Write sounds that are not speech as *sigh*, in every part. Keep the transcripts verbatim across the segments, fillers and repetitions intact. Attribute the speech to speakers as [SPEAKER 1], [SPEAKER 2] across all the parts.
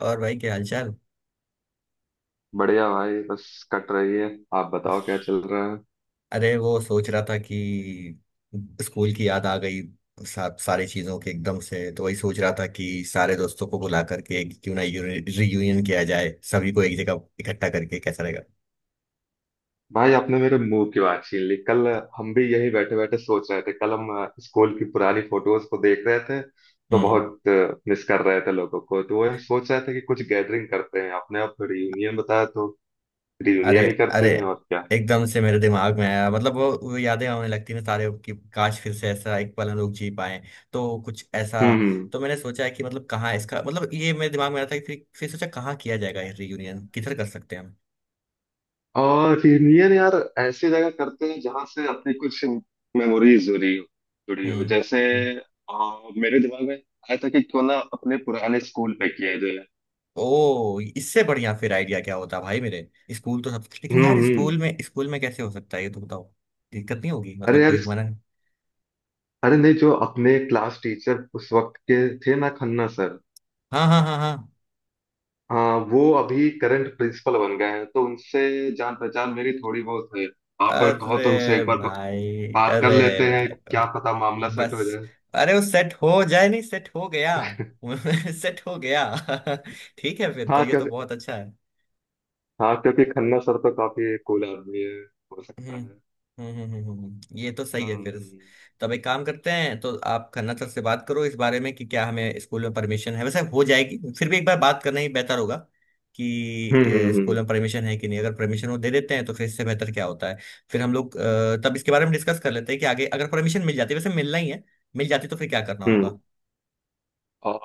[SPEAKER 1] और भाई क्या हालचाल।
[SPEAKER 2] बढ़िया भाई। बस कट रही है। आप बताओ क्या चल रहा है।
[SPEAKER 1] अरे वो सोच रहा था कि स्कूल की याद आ गई। सा, सारी चीजों के एकदम से तो वही सोच रहा था कि सारे दोस्तों को बुला करके कि क्यों ना रियूनियन किया जाए, सभी को एक जगह इकट्ठा करके कैसा रहेगा।
[SPEAKER 2] भाई आपने मेरे मुंह की बात छीन ली। कल हम भी यही बैठे बैठे सोच रहे थे। कल हम अ, स्कूल की पुरानी फोटोज को देख रहे थे तो
[SPEAKER 1] हम्म।
[SPEAKER 2] बहुत मिस कर रहे थे लोगों को। तो वही हम सोच रहे थे कि कुछ गैदरिंग करते हैं। आपने आप रियूनियन बताया तो
[SPEAKER 1] अरे,
[SPEAKER 2] रियूनियन ही
[SPEAKER 1] अरे,
[SPEAKER 2] करते हैं, और क्या।
[SPEAKER 1] एकदम से मेरे दिमाग में आया, मतलब वो, वो यादें आने लगती हैं सारे कि काश फिर से ऐसा एक पल हम लोग जी पाए, तो कुछ ऐसा।
[SPEAKER 2] हम्म।
[SPEAKER 1] तो मैंने सोचा है कि मतलब कहाँ, इसका मतलब ये मेरे दिमाग में आया था कि फिर फिर सोचा कहाँ किया जाएगा ये रियूनियन, किधर कर सकते हैं हम।
[SPEAKER 2] और रियूनियन यार ऐसी जगह करते हैं जहां से अपनी कुछ मेमोरीज जुड़ी हो। जुड़ी हो जैसे
[SPEAKER 1] हम्म।
[SPEAKER 2] अ, मेरे दिमाग में आया था कि क्यों ना अपने पुराने स्कूल पे किया जाए।
[SPEAKER 1] ओ, इससे बढ़िया फिर आइडिया क्या होता भाई मेरे। स्कूल तो सब, लेकिन
[SPEAKER 2] हम्म
[SPEAKER 1] यार
[SPEAKER 2] हम्म।
[SPEAKER 1] स्कूल में, स्कूल में कैसे हो सकता है ये तो बताओ, दिक्कत नहीं होगी
[SPEAKER 2] अरे
[SPEAKER 1] मतलब
[SPEAKER 2] यार
[SPEAKER 1] कोई
[SPEAKER 2] इस-
[SPEAKER 1] मना।
[SPEAKER 2] अरे नहीं, जो अपने क्लास टीचर उस वक्त के थे ना, खन्ना सर।
[SPEAKER 1] हाँ हाँ हाँ हाँ।
[SPEAKER 2] हाँ वो अभी करंट प्रिंसिपल बन गए हैं तो उनसे जान पहचान मेरी थोड़ी बहुत है। आप कहो तो उनसे
[SPEAKER 1] अरे
[SPEAKER 2] एक बार ब-
[SPEAKER 1] भाई,
[SPEAKER 2] बात कर
[SPEAKER 1] अरे
[SPEAKER 2] लेते हैं,
[SPEAKER 1] भाई,
[SPEAKER 2] क्या पता मामला सेट
[SPEAKER 1] बस।
[SPEAKER 2] हो जाए।
[SPEAKER 1] अरे वो सेट हो जाए नहीं, सेट हो गया।
[SPEAKER 2] *laughs*
[SPEAKER 1] *laughs* सेट हो गया। *laughs* ठीक है फिर तो,
[SPEAKER 2] हाँ
[SPEAKER 1] ये तो
[SPEAKER 2] क्योंकि
[SPEAKER 1] बहुत अच्छा है।
[SPEAKER 2] हाँ क्योंकि खन्ना सर तो काफी कूल आदमी है। हो
[SPEAKER 1] हम्म
[SPEAKER 2] सकता है।
[SPEAKER 1] हम्म हम्म, हम्म, हम्म, हम्म। ये तो सही है फिर।
[SPEAKER 2] हम्म
[SPEAKER 1] तो अब एक काम करते हैं, तो आप खन्ना सर से बात करो इस बारे में कि क्या हमें स्कूल में परमिशन है। वैसे हो जाएगी, फिर भी एक बार बात करना ही बेहतर होगा। कि
[SPEAKER 2] हम्म
[SPEAKER 1] अ, स्कूल
[SPEAKER 2] हम्म
[SPEAKER 1] में परमिशन है कि नहीं। अगर परमिशन वो दे देते हैं तो फिर इससे बेहतर क्या होता है। फिर हम लोग अ, तब इसके बारे में डिस्कस कर लेते हैं कि आगे अगर परमिशन मिल जाती है, वैसे मिलना ही है, मिल जाती तो फिर क्या करना
[SPEAKER 2] हम्म
[SPEAKER 1] होगा।
[SPEAKER 2] हम्म।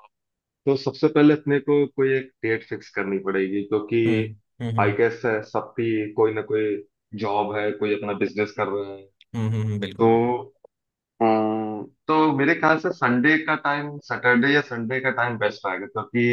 [SPEAKER 2] तो सबसे पहले अपने को कोई एक डेट फिक्स करनी पड़ेगी क्योंकि
[SPEAKER 1] हम्म हम्म
[SPEAKER 2] आई
[SPEAKER 1] हम्म,
[SPEAKER 2] गेस सबकी कोई ना कोई जॉब है, कोई अपना बिजनेस कर रहा है।
[SPEAKER 1] हम्म हम्म हम्म,
[SPEAKER 2] तो
[SPEAKER 1] बिल्कुल।
[SPEAKER 2] अम, तो मेरे ख्याल से संडे का टाइम, सैटरडे या संडे का टाइम बेस्ट रहेगा क्योंकि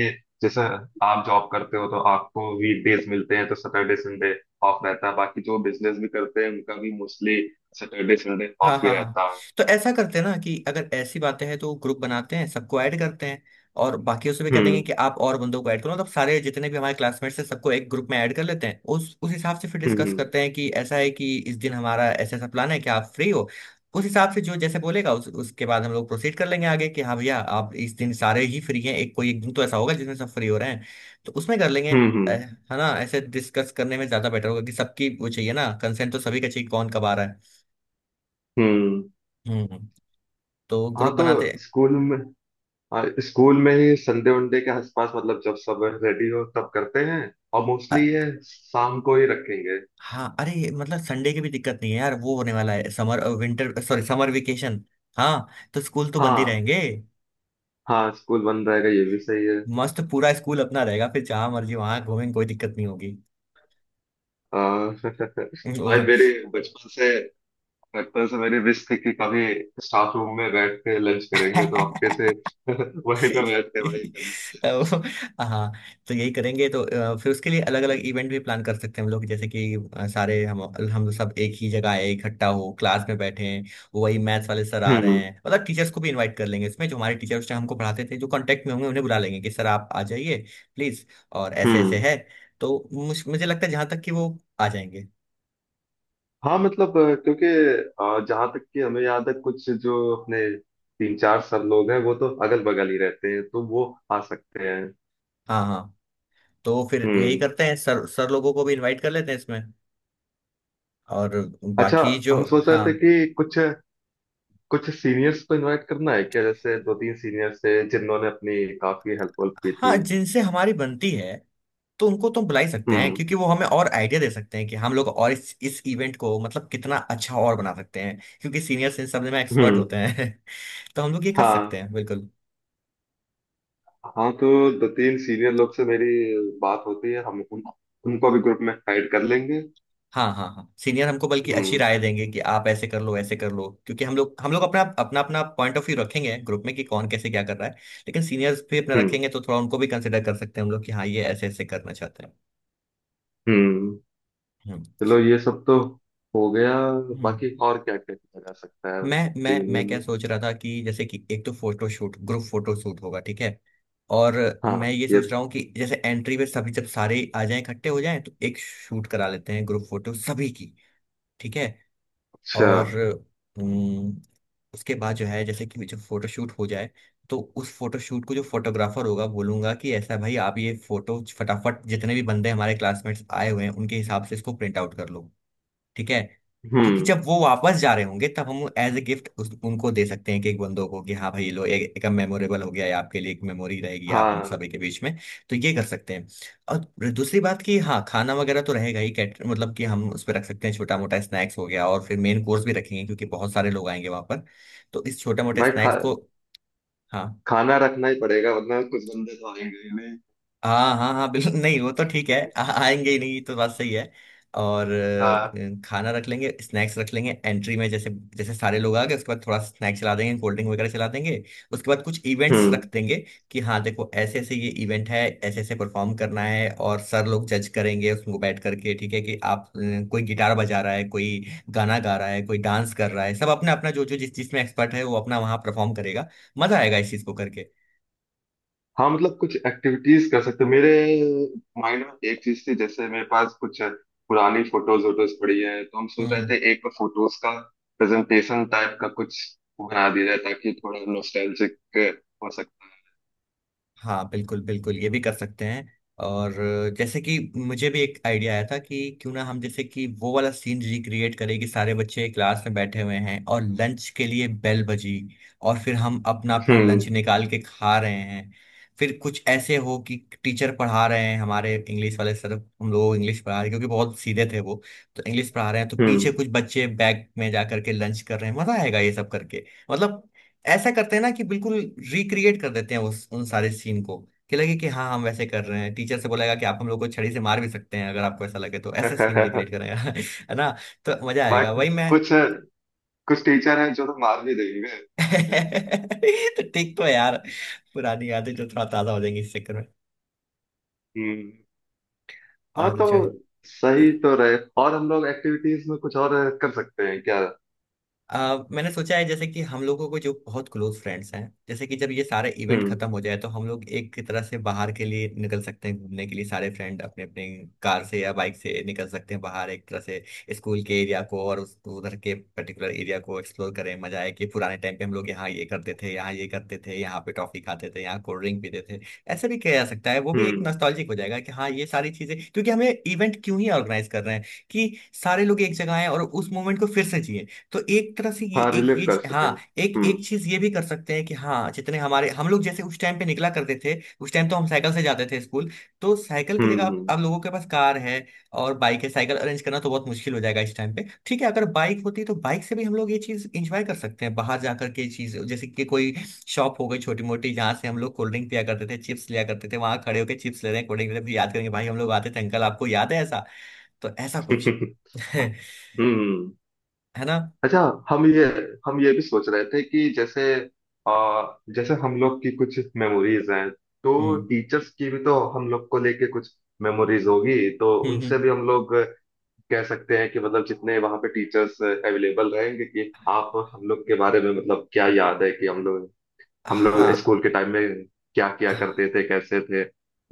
[SPEAKER 2] जैसे आप जॉब करते हो तो आपको वीकडेज मिलते हैं, तो सैटरडे संडे ऑफ रहता है। बाकी जो बिजनेस भी करते हैं उनका भी मोस्टली सैटरडे संडे
[SPEAKER 1] हाँ
[SPEAKER 2] ऑफ ही
[SPEAKER 1] हाँ हाँ।
[SPEAKER 2] रहता है।
[SPEAKER 1] तो ऐसा करते हैं ना कि अगर ऐसी बातें हैं तो ग्रुप बनाते हैं, सबको ऐड करते हैं। और बाकियों से भी कह देंगे कि
[SPEAKER 2] हम्म
[SPEAKER 1] आप और बंदों को ऐड करो, मतलब सारे जितने भी हमारे क्लासमेट्स हैं सबको एक ग्रुप में ऐड कर लेते हैं, उस उस हिसाब से फिर डिस्कस
[SPEAKER 2] हम्म
[SPEAKER 1] करते हैं कि ऐसा है कि इस दिन हमारा ऐसा ऐसा प्लान है कि आप फ्री हो। उस हिसाब से जो जैसे बोलेगा उस, उसके बाद हम लोग प्रोसीड कर लेंगे आगे कि हाँ भैया आप इस दिन सारे ही फ्री हैं, एक कोई एक दिन तो ऐसा होगा जिसमें सब फ्री हो रहे हैं, तो उसमें कर लेंगे।
[SPEAKER 2] हम्म
[SPEAKER 1] अ,
[SPEAKER 2] हम्म
[SPEAKER 1] है ना, ऐसे डिस्कस करने में ज्यादा बेटर होगा कि सबकी वो चाहिए ना, कंसेंट तो सभी का चाहिए, कौन कब आ रहा है।
[SPEAKER 2] हम्म।
[SPEAKER 1] हम्म। तो
[SPEAKER 2] हाँ
[SPEAKER 1] ग्रुप
[SPEAKER 2] तो
[SPEAKER 1] बनाते।
[SPEAKER 2] स्कूल में हाँ स्कूल में ही संडे वनडे के आसपास, मतलब जब सब रेडी हो तब करते हैं। और मोस्टली
[SPEAKER 1] अ-
[SPEAKER 2] ये शाम को ही रखेंगे।
[SPEAKER 1] हाँ, अरे ये मतलब संडे की भी दिक्कत नहीं है यार, वो होने वाला है summer winter, sorry, summer vacation. हाँ, तो स्कूल तो बंद ही
[SPEAKER 2] हाँ।
[SPEAKER 1] रहेंगे।
[SPEAKER 2] हाँ स्कूल बंद रहेगा, ये भी सही है।
[SPEAKER 1] मस्त, पूरा स्कूल अपना रहेगा फिर, जहां मर्जी वहां घूमेंगे, कोई दिक्कत नहीं होगी।
[SPEAKER 2] आ, भाई मेरी बचपन से बचपन से मेरी विश थी कि कभी स्टाफ रूम में बैठ के लंच करेंगे, तो आपके से
[SPEAKER 1] *laughs*
[SPEAKER 2] *laughs* वहीं पे
[SPEAKER 1] *laughs*
[SPEAKER 2] बैठ के वही करना।
[SPEAKER 1] अब, हाँ, तो यही करेंगे तो अ, फिर उसके लिए अलग अलग इवेंट भी प्लान कर सकते हैं हम लोग। जैसे कि अ, सारे हम हम सब एक ही जगह आए, इकट्ठा हो, क्लास में बैठे हैं, वही मैथ्स वाले सर आ रहे
[SPEAKER 2] हम्म
[SPEAKER 1] हैं, मतलब टीचर्स को भी इनवाइट कर लेंगे इसमें, जो हमारे टीचर्स ने हमको पढ़ाते थे, जो कांटेक्ट में होंगे उन्हें बुला लेंगे कि सर आप आ जाइए, प्लीज। और ऐसे ऐसे
[SPEAKER 2] हम्म।
[SPEAKER 1] है। तो मुझ- मुझे लगता है जहाँ तक कि वो आ जाएंगे।
[SPEAKER 2] हाँ मतलब अ, क्योंकि अ, जहाँ तक कि हमें याद है, कुछ जो अपने तीन चार सब लोग हैं वो तो अगल बगल ही रहते हैं, तो वो आ सकते हैं।
[SPEAKER 1] हाँ हाँ। तो फिर यही
[SPEAKER 2] हम्म।
[SPEAKER 1] करते हैं, सर सर लोगों को भी इनवाइट कर लेते हैं इसमें। और
[SPEAKER 2] अच्छा,
[SPEAKER 1] बाकी जो,
[SPEAKER 2] हम सोच रहे
[SPEAKER 1] हाँ,
[SPEAKER 2] थे कि कुछ कुछ सीनियर्स को इनवाइट करना है क्या। जैसे दो तीन सीनियर्स थे जिन्होंने अपनी काफी हेल्प वेल्प की
[SPEAKER 1] हाँ
[SPEAKER 2] थी।
[SPEAKER 1] जिनसे हमारी बनती है तो उनको तो बुला ही सकते हैं,
[SPEAKER 2] हम्म
[SPEAKER 1] क्योंकि वो हमें और आइडिया दे सकते हैं कि हम लोग और इस इस इवेंट को मतलब कितना अच्छा और बना सकते हैं, क्योंकि सीनियर्स इन सब में एक्सपर्ट
[SPEAKER 2] हम्म।
[SPEAKER 1] होते हैं। *laughs* तो हम लोग ये कर सकते
[SPEAKER 2] हाँ
[SPEAKER 1] हैं बिल्कुल।
[SPEAKER 2] हाँ तो दो तीन सीनियर लोग से मेरी बात होती है, हम उन, उनको भी ग्रुप में ऐड कर लेंगे।
[SPEAKER 1] हाँ हाँ हाँ, सीनियर हमको बल्कि अच्छी
[SPEAKER 2] हम्म
[SPEAKER 1] राय देंगे कि आप ऐसे कर लो, ऐसे कर लो, क्योंकि हम लोग हम लोग अपना अपना अपना पॉइंट ऑफ व्यू रखेंगे ग्रुप में कि कौन कैसे क्या कर रहा है। लेकिन सीनियर्स भी अपना
[SPEAKER 2] हम्म
[SPEAKER 1] रखेंगे तो थोड़ा उनको भी कंसिडर कर सकते हैं हम लोग कि हाँ, ये ऐसे ऐसे करना चाहते हैं।
[SPEAKER 2] हम्म।
[SPEAKER 1] हम्म।
[SPEAKER 2] चलो ये सब तो हो गया,
[SPEAKER 1] हम्म।
[SPEAKER 2] बाकी और क्या क्या किया जा सकता है।
[SPEAKER 1] मैं मैं मैं
[SPEAKER 2] रियूनियन
[SPEAKER 1] क्या
[SPEAKER 2] में।
[SPEAKER 1] सोच रहा था कि जैसे कि एक तो photo shoot, group photo shoot होगा, ठीक है। और मैं
[SPEAKER 2] हाँ
[SPEAKER 1] ये
[SPEAKER 2] ये।
[SPEAKER 1] सोच रहा हूँ कि जैसे एंट्री पे सभी जब सारे आ जाएं, इकट्ठे हो जाएं, तो एक शूट करा लेते हैं ग्रुप फोटो सभी की, ठीक है।
[SPEAKER 2] अच्छा।
[SPEAKER 1] और हम्म, उसके बाद जो है जैसे कि जो फोटो शूट हो जाए, तो उस फोटो शूट को, जो फोटोग्राफर होगा बोलूंगा कि ऐसा भाई आप ये फोटो फटाफट जितने भी बंदे हमारे क्लासमेट्स आए हुए हैं उनके हिसाब से इसको प्रिंट आउट कर लो, ठीक है। क्योंकि
[SPEAKER 2] हम्म।
[SPEAKER 1] जब वो वापस जा रहे होंगे तब हम एज ए गिफ्ट उनको दे सकते हैं कि एक बंदों को कि हाँ भाई ये लो, एक, एक मेमोरेबल हो गया, ये आपके लिए एक मेमोरी रहेगी, आप हम
[SPEAKER 2] हाँ
[SPEAKER 1] सभी के बीच में। तो ये कर सकते हैं। और दूसरी बात कि हाँ, खाना वगैरह तो रहेगा ही, कैटर मतलब कि हम उस पर रख सकते हैं, छोटा मोटा स्नैक्स हो गया और फिर मेन कोर्स भी रखेंगे, क्योंकि बहुत सारे लोग आएंगे वहां पर। तो इस छोटे मोटे
[SPEAKER 2] भाई खा
[SPEAKER 1] स्नैक्स को। हाँ
[SPEAKER 2] खाना रखना ही पड़ेगा, वरना कुछ बंदे तो आएंगे ही नहीं।
[SPEAKER 1] हाँ हाँ हाँ, बिल्कुल नहीं, वो तो ठीक है, आ, आएंगे ही नहीं ये तो बात सही है। और
[SPEAKER 2] हाँ।
[SPEAKER 1] अ, खाना रख लेंगे, स्नैक्स रख लेंगे एंट्री में, जैसे जैसे सारे लोग आ गए उसके बाद थोड़ा स्नैक्स चला देंगे, कोल्ड ड्रिंक वगैरह चला देंगे, उसके बाद कुछ इवेंट्स
[SPEAKER 2] हम्म।
[SPEAKER 1] रख देंगे कि हाँ देखो ऐसे ऐसे ये इवेंट है, ऐसे ऐसे परफॉर्म करना है और सर लोग जज करेंगे उसको बैठ करके, ठीक है कि आप अ, कोई गिटार बजा रहा है, कोई गाना गा रहा है, कोई डांस कर रहा है, सब अपना अपना जो जो जिस चीज में एक्सपर्ट है वो अपना वहाँ परफॉर्म करेगा, मजा आएगा इस चीज को करके।
[SPEAKER 2] हाँ मतलब कुछ एक्टिविटीज कर सकते। मेरे माइंड में एक चीज थी, जैसे मेरे पास कुछ पुरानी फोटोज वोटोज पड़ी है तो हम
[SPEAKER 1] हम्म।
[SPEAKER 2] सोच रहे
[SPEAKER 1] हम्म।
[SPEAKER 2] थे एक फोटोज का प्रेजेंटेशन टाइप का कुछ बना दिया जाए ताकि थोड़ा नॉस्टैल्जिक हो सके।
[SPEAKER 1] हाँ बिल्कुल बिल्कुल, ये भी कर सकते हैं। और अ, जैसे कि मुझे भी एक आइडिया आया था कि क्यों ना हम जैसे कि वो वाला सीन रिक्रिएट करें कि सारे बच्चे क्लास में बैठे हुए हैं और लंच के लिए बेल बजी और फिर हम अपना अपना लंच
[SPEAKER 2] हम्म
[SPEAKER 1] निकाल के खा रहे हैं। फिर कुछ ऐसे हो कि टीचर पढ़ा रहे हैं हमारे इंग्लिश वाले सर, हम लोग इंग्लिश पढ़ा रहे हैं क्योंकि बहुत सीधे थे वो, तो इंग्लिश पढ़ा रहे हैं, तो
[SPEAKER 2] हम्म।
[SPEAKER 1] पीछे कुछ बच्चे बैग में जा करके लंच कर रहे हैं, मजा आएगा ये सब करके। मतलब ऐसा करते हैं ना कि बिल्कुल रिक्रिएट कर देते हैं उस उन सारे सीन को, कि लगे कि हाँ हम वैसे कर रहे हैं, टीचर से बोलेगा कि आप हम लोग को छड़ी से मार भी सकते हैं अगर आपको ऐसा लगे, तो ऐसा सीन
[SPEAKER 2] *laughs*
[SPEAKER 1] रिक्रिएट करेगा *laughs* है ना। तो मजा आएगा,
[SPEAKER 2] बट
[SPEAKER 1] वही मैं।
[SPEAKER 2] कुछ कुछ टीचर हैं जो तो मार भी देंगे।
[SPEAKER 1] *laughs* तो ठीक तो है यार, पुरानी यादें जो थोड़ा ताजा हो जाएंगी इस चक्कर में।
[SPEAKER 2] हम्म। हाँ
[SPEAKER 1] और
[SPEAKER 2] तो
[SPEAKER 1] जो है,
[SPEAKER 2] सही तो रहे, और हम लोग एक्टिविटीज में कुछ और कर सकते हैं क्या।
[SPEAKER 1] आ, मैंने सोचा है जैसे कि हम लोगों को जो बहुत क्लोज फ्रेंड्स हैं जैसे कि जब ये सारे इवेंट
[SPEAKER 2] हम्म
[SPEAKER 1] खत्म हो जाए तो हम लोग एक तरह से बाहर के लिए निकल सकते हैं घूमने के लिए, सारे फ्रेंड अपने अपने कार से या बाइक से निकल सकते हैं बाहर, एक तरह से स्कूल के एरिया को और उस उधर के पर्टिकुलर एरिया को एक्सप्लोर करें, मजा आए कि पुराने टाइम पे हम लोग यहाँ ये करते थे, यहाँ ये करते थे, यहाँ पे टॉफी खाते थे, यहाँ कोल्ड ड्रिंक पीते थे। ऐसा भी किया जा सकता है, वो भी एक
[SPEAKER 2] हम्म।
[SPEAKER 1] नॉस्टैल्जिक हो जाएगा कि हाँ ये सारी चीजें, क्योंकि हमें इवेंट क्यों ही ऑर्गेनाइज कर रहे हैं, कि सारे लोग एक जगह आए और उस मोमेंट को फिर से जिए। तो एक तरह से ये
[SPEAKER 2] हाँ
[SPEAKER 1] एक
[SPEAKER 2] रिलेट
[SPEAKER 1] ये
[SPEAKER 2] कर
[SPEAKER 1] चीज-
[SPEAKER 2] सके।
[SPEAKER 1] हाँ, एक एक
[SPEAKER 2] हम्म।
[SPEAKER 1] चीज ये भी कर सकते हैं कि हाँ, जितने हमारे हम लोग जैसे उस टाइम पे निकला करते थे, उस टाइम तो हम साइकिल से जाते थे स्कूल, तो साइकिल की
[SPEAKER 2] हम्म
[SPEAKER 1] जगह अब
[SPEAKER 2] हम्म।
[SPEAKER 1] अब लोगों के पास कार है और बाइक है। साइकिल अरेंज करना तो बहुत मुश्किल हो जाएगा इस टाइम पे, ठीक है, अगर बाइक होती तो बाइक से भी हम लोग ये चीज इंजॉय कर सकते हैं बाहर जाकर के, चीज जैसे कि कोई शॉप हो गई छोटी मोटी, जहाँ से हम लोग कोल्ड ड्रिंक पिया करते थे, चिप्स लिया करते थे, वहां खड़े होकर चिप्स ले रहे हैं, कोल्ड ड्रिंक ले रहे हैं, फिर याद करेंगे भाई हम लोग आते थे, अंकल आपको याद है ऐसा, तो ऐसा कुछ।
[SPEAKER 2] *laughs* हाँ,
[SPEAKER 1] *laughs*
[SPEAKER 2] हम्म हम्म।
[SPEAKER 1] है ना।
[SPEAKER 2] अच्छा, हम ये हम ये भी सोच रहे थे कि जैसे आ, जैसे हम लोग की कुछ मेमोरीज हैं, तो
[SPEAKER 1] हम्म
[SPEAKER 2] टीचर्स की भी तो हम लोग को लेके कुछ मेमोरीज होगी, तो
[SPEAKER 1] हम्म
[SPEAKER 2] उनसे
[SPEAKER 1] हम्म।
[SPEAKER 2] भी हम लोग कह सकते हैं कि मतलब जितने वहाँ पे टीचर्स अवेलेबल रहेंगे कि आप हम लोग के बारे में मतलब क्या याद है कि हम लोग, हम लोग
[SPEAKER 1] हाँ।
[SPEAKER 2] स्कूल के टाइम में क्या किया करते थे, कैसे थे।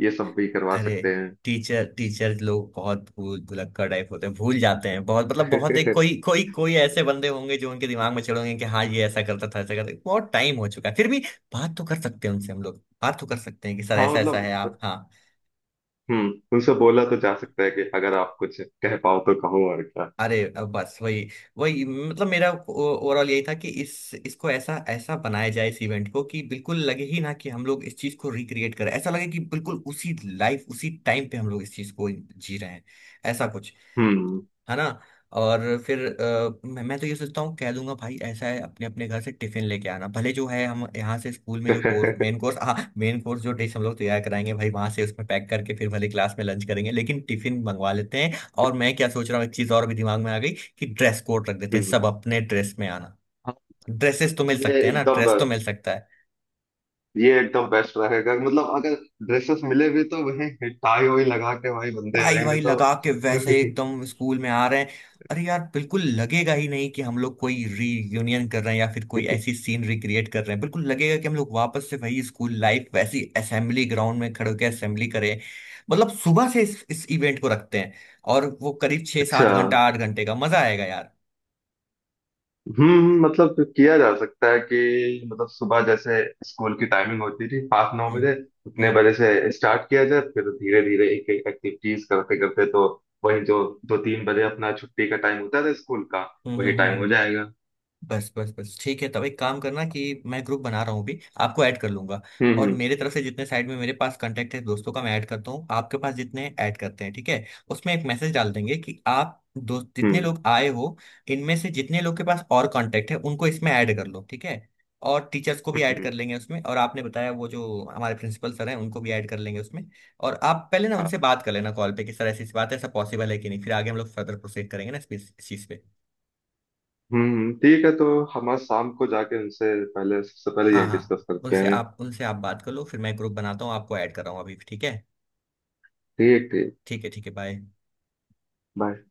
[SPEAKER 2] ये सब भी करवा
[SPEAKER 1] अरे
[SPEAKER 2] सकते हैं।
[SPEAKER 1] टीचर, टीचर लोग बहुत भूल भुलक्कड़ टाइप होते हैं, भूल जाते हैं बहुत, मतलब बहुत, एक कोई
[SPEAKER 2] *laughs*
[SPEAKER 1] कोई कोई ऐसे बंदे होंगे जो उनके दिमाग में चढ़ोगे कि हाँ ये ऐसा करता था, ऐसा करता था। बहुत टाइम हो चुका है फिर भी बात तो कर सकते हैं उनसे, हम लोग बात तो कर सकते हैं कि सर
[SPEAKER 2] हाँ
[SPEAKER 1] ऐसा ऐसा है, आप,
[SPEAKER 2] मतलब
[SPEAKER 1] हाँ।
[SPEAKER 2] हम्म, उनसे बोला तो जा सकता है कि अगर आप कुछ कह पाओ तो कहो, और क्या।
[SPEAKER 1] अरे अब बस वही, वही मतलब मेरा ओवरऑल यही था कि इस इसको ऐसा ऐसा बनाया जाए इस इवेंट को कि बिल्कुल लगे ही ना कि हम लोग इस चीज को रिक्रिएट करें, ऐसा लगे कि बिल्कुल उसी लाइफ उसी टाइम पे हम लोग इस चीज को जी रहे हैं, ऐसा कुछ।
[SPEAKER 2] हम्म
[SPEAKER 1] है ना। और फिर अ, मैं, मैं तो ये सोचता हूँ कह दूंगा भाई ऐसा है अपने अपने घर से टिफिन लेके आना, भले जो है हम यहाँ से स्कूल में जो कोर्स, मेन कोर्स, हाँ मेन कोर्स जो डिश हम लोग तैयार कराएंगे भाई वहां से उसमें पैक करके, फिर भले क्लास में लंच करेंगे लेकिन टिफिन मंगवा लेते हैं। और मैं क्या सोच रहा हूँ, एक चीज और भी दिमाग में आ गई कि ड्रेस कोड रख देते हैं,
[SPEAKER 2] हम्म।
[SPEAKER 1] सब अपने ड्रेस में आना।
[SPEAKER 2] हाँ,
[SPEAKER 1] ड्रेसेस तो मिल
[SPEAKER 2] ये
[SPEAKER 1] सकते हैं ना,
[SPEAKER 2] एकदम
[SPEAKER 1] ड्रेस तो मिल सकता है,
[SPEAKER 2] ये एकदम बेस्ट रहेगा। मतलब अगर ड्रेसेस मिले भी, तो वही टाई वाई लगा के वही बंदे
[SPEAKER 1] टाई
[SPEAKER 2] आएंगे
[SPEAKER 1] वाई
[SPEAKER 2] तो
[SPEAKER 1] लगा के वैसे ही एकदम स्कूल में आ रहे हैं। अरे यार, बिल्कुल लगेगा ही नहीं कि हम लोग कोई रीयूनियन कर रहे हैं या फिर कोई
[SPEAKER 2] *laughs*
[SPEAKER 1] ऐसी सीन रिक्रिएट कर रहे हैं, बिल्कुल लगेगा कि हम लोग वापस से वही स्कूल लाइफ, वैसी असेंबली ग्राउंड में खड़े होकर असेंबली करें। मतलब सुबह से इस, इस इवेंट को रखते हैं, और वो करीब छः
[SPEAKER 2] अच्छा।
[SPEAKER 1] सात घंटा, आठ घंटे का, मजा आएगा यार।
[SPEAKER 2] हम्म मतलब किया जा सकता है कि मतलब सुबह जैसे स्कूल की टाइमिंग होती थी पाँच नौ
[SPEAKER 1] हम्म
[SPEAKER 2] बजे उतने
[SPEAKER 1] हम्म
[SPEAKER 2] बजे से स्टार्ट किया जाए, फिर धीरे धीरे एक एक एक्टिविटीज करते करते। तो वही जो दो तीन बजे अपना छुट्टी का टाइम होता था स्कूल का,
[SPEAKER 1] हम्म,
[SPEAKER 2] वही
[SPEAKER 1] हम्म, हम्म,
[SPEAKER 2] टाइम हो
[SPEAKER 1] हम्म।
[SPEAKER 2] जाएगा।
[SPEAKER 1] बस बस बस, ठीक है, तब एक काम करना कि मैं ग्रुप बना रहा हूँ अभी, आपको ऐड कर लूंगा।
[SPEAKER 2] हम्म
[SPEAKER 1] और
[SPEAKER 2] हम्म
[SPEAKER 1] मेरे तरफ से जितने साइड में मेरे पास कांटेक्ट है दोस्तों का मैं ऐड करता हूँ, आपके पास जितने ऐड करते हैं, ठीक है। उसमें एक मैसेज डाल देंगे कि आप दोस्त जितने
[SPEAKER 2] हम्म
[SPEAKER 1] लोग आए हो, इनमें से जितने लोग के पास और कांटेक्ट है उनको इसमें ऐड कर लो, ठीक है। और टीचर्स को भी
[SPEAKER 2] हम्म
[SPEAKER 1] ऐड कर
[SPEAKER 2] हम्म।
[SPEAKER 1] लेंगे उसमें, और आपने बताया वो जो हमारे प्रिंसिपल सर हैं उनको भी ऐड कर लेंगे उसमें। और आप पहले ना उनसे
[SPEAKER 2] हाँ।
[SPEAKER 1] बात कर लेना कॉल पे कि सर ऐसी ऐसी बात है, ऐसा पॉसिबल है कि नहीं, फिर आगे हम लोग फर्दर प्रोसीड करेंगे ना इस इस चीज़ पे।
[SPEAKER 2] हम्म, ठीक है। तो हम आज शाम को जाके उनसे पहले सबसे पहले
[SPEAKER 1] हाँ
[SPEAKER 2] ये
[SPEAKER 1] हाँ,
[SPEAKER 2] डिस्कस करते
[SPEAKER 1] उनसे
[SPEAKER 2] हैं।
[SPEAKER 1] आप उनसे आप बात कर लो, फिर मैं ग्रुप बनाता हूँ, आपको ऐड कर रहा हूँ अभी, ठीक है।
[SPEAKER 2] ठीक ठीक।
[SPEAKER 1] ठीक है ठीक है, बाय।
[SPEAKER 2] बाय।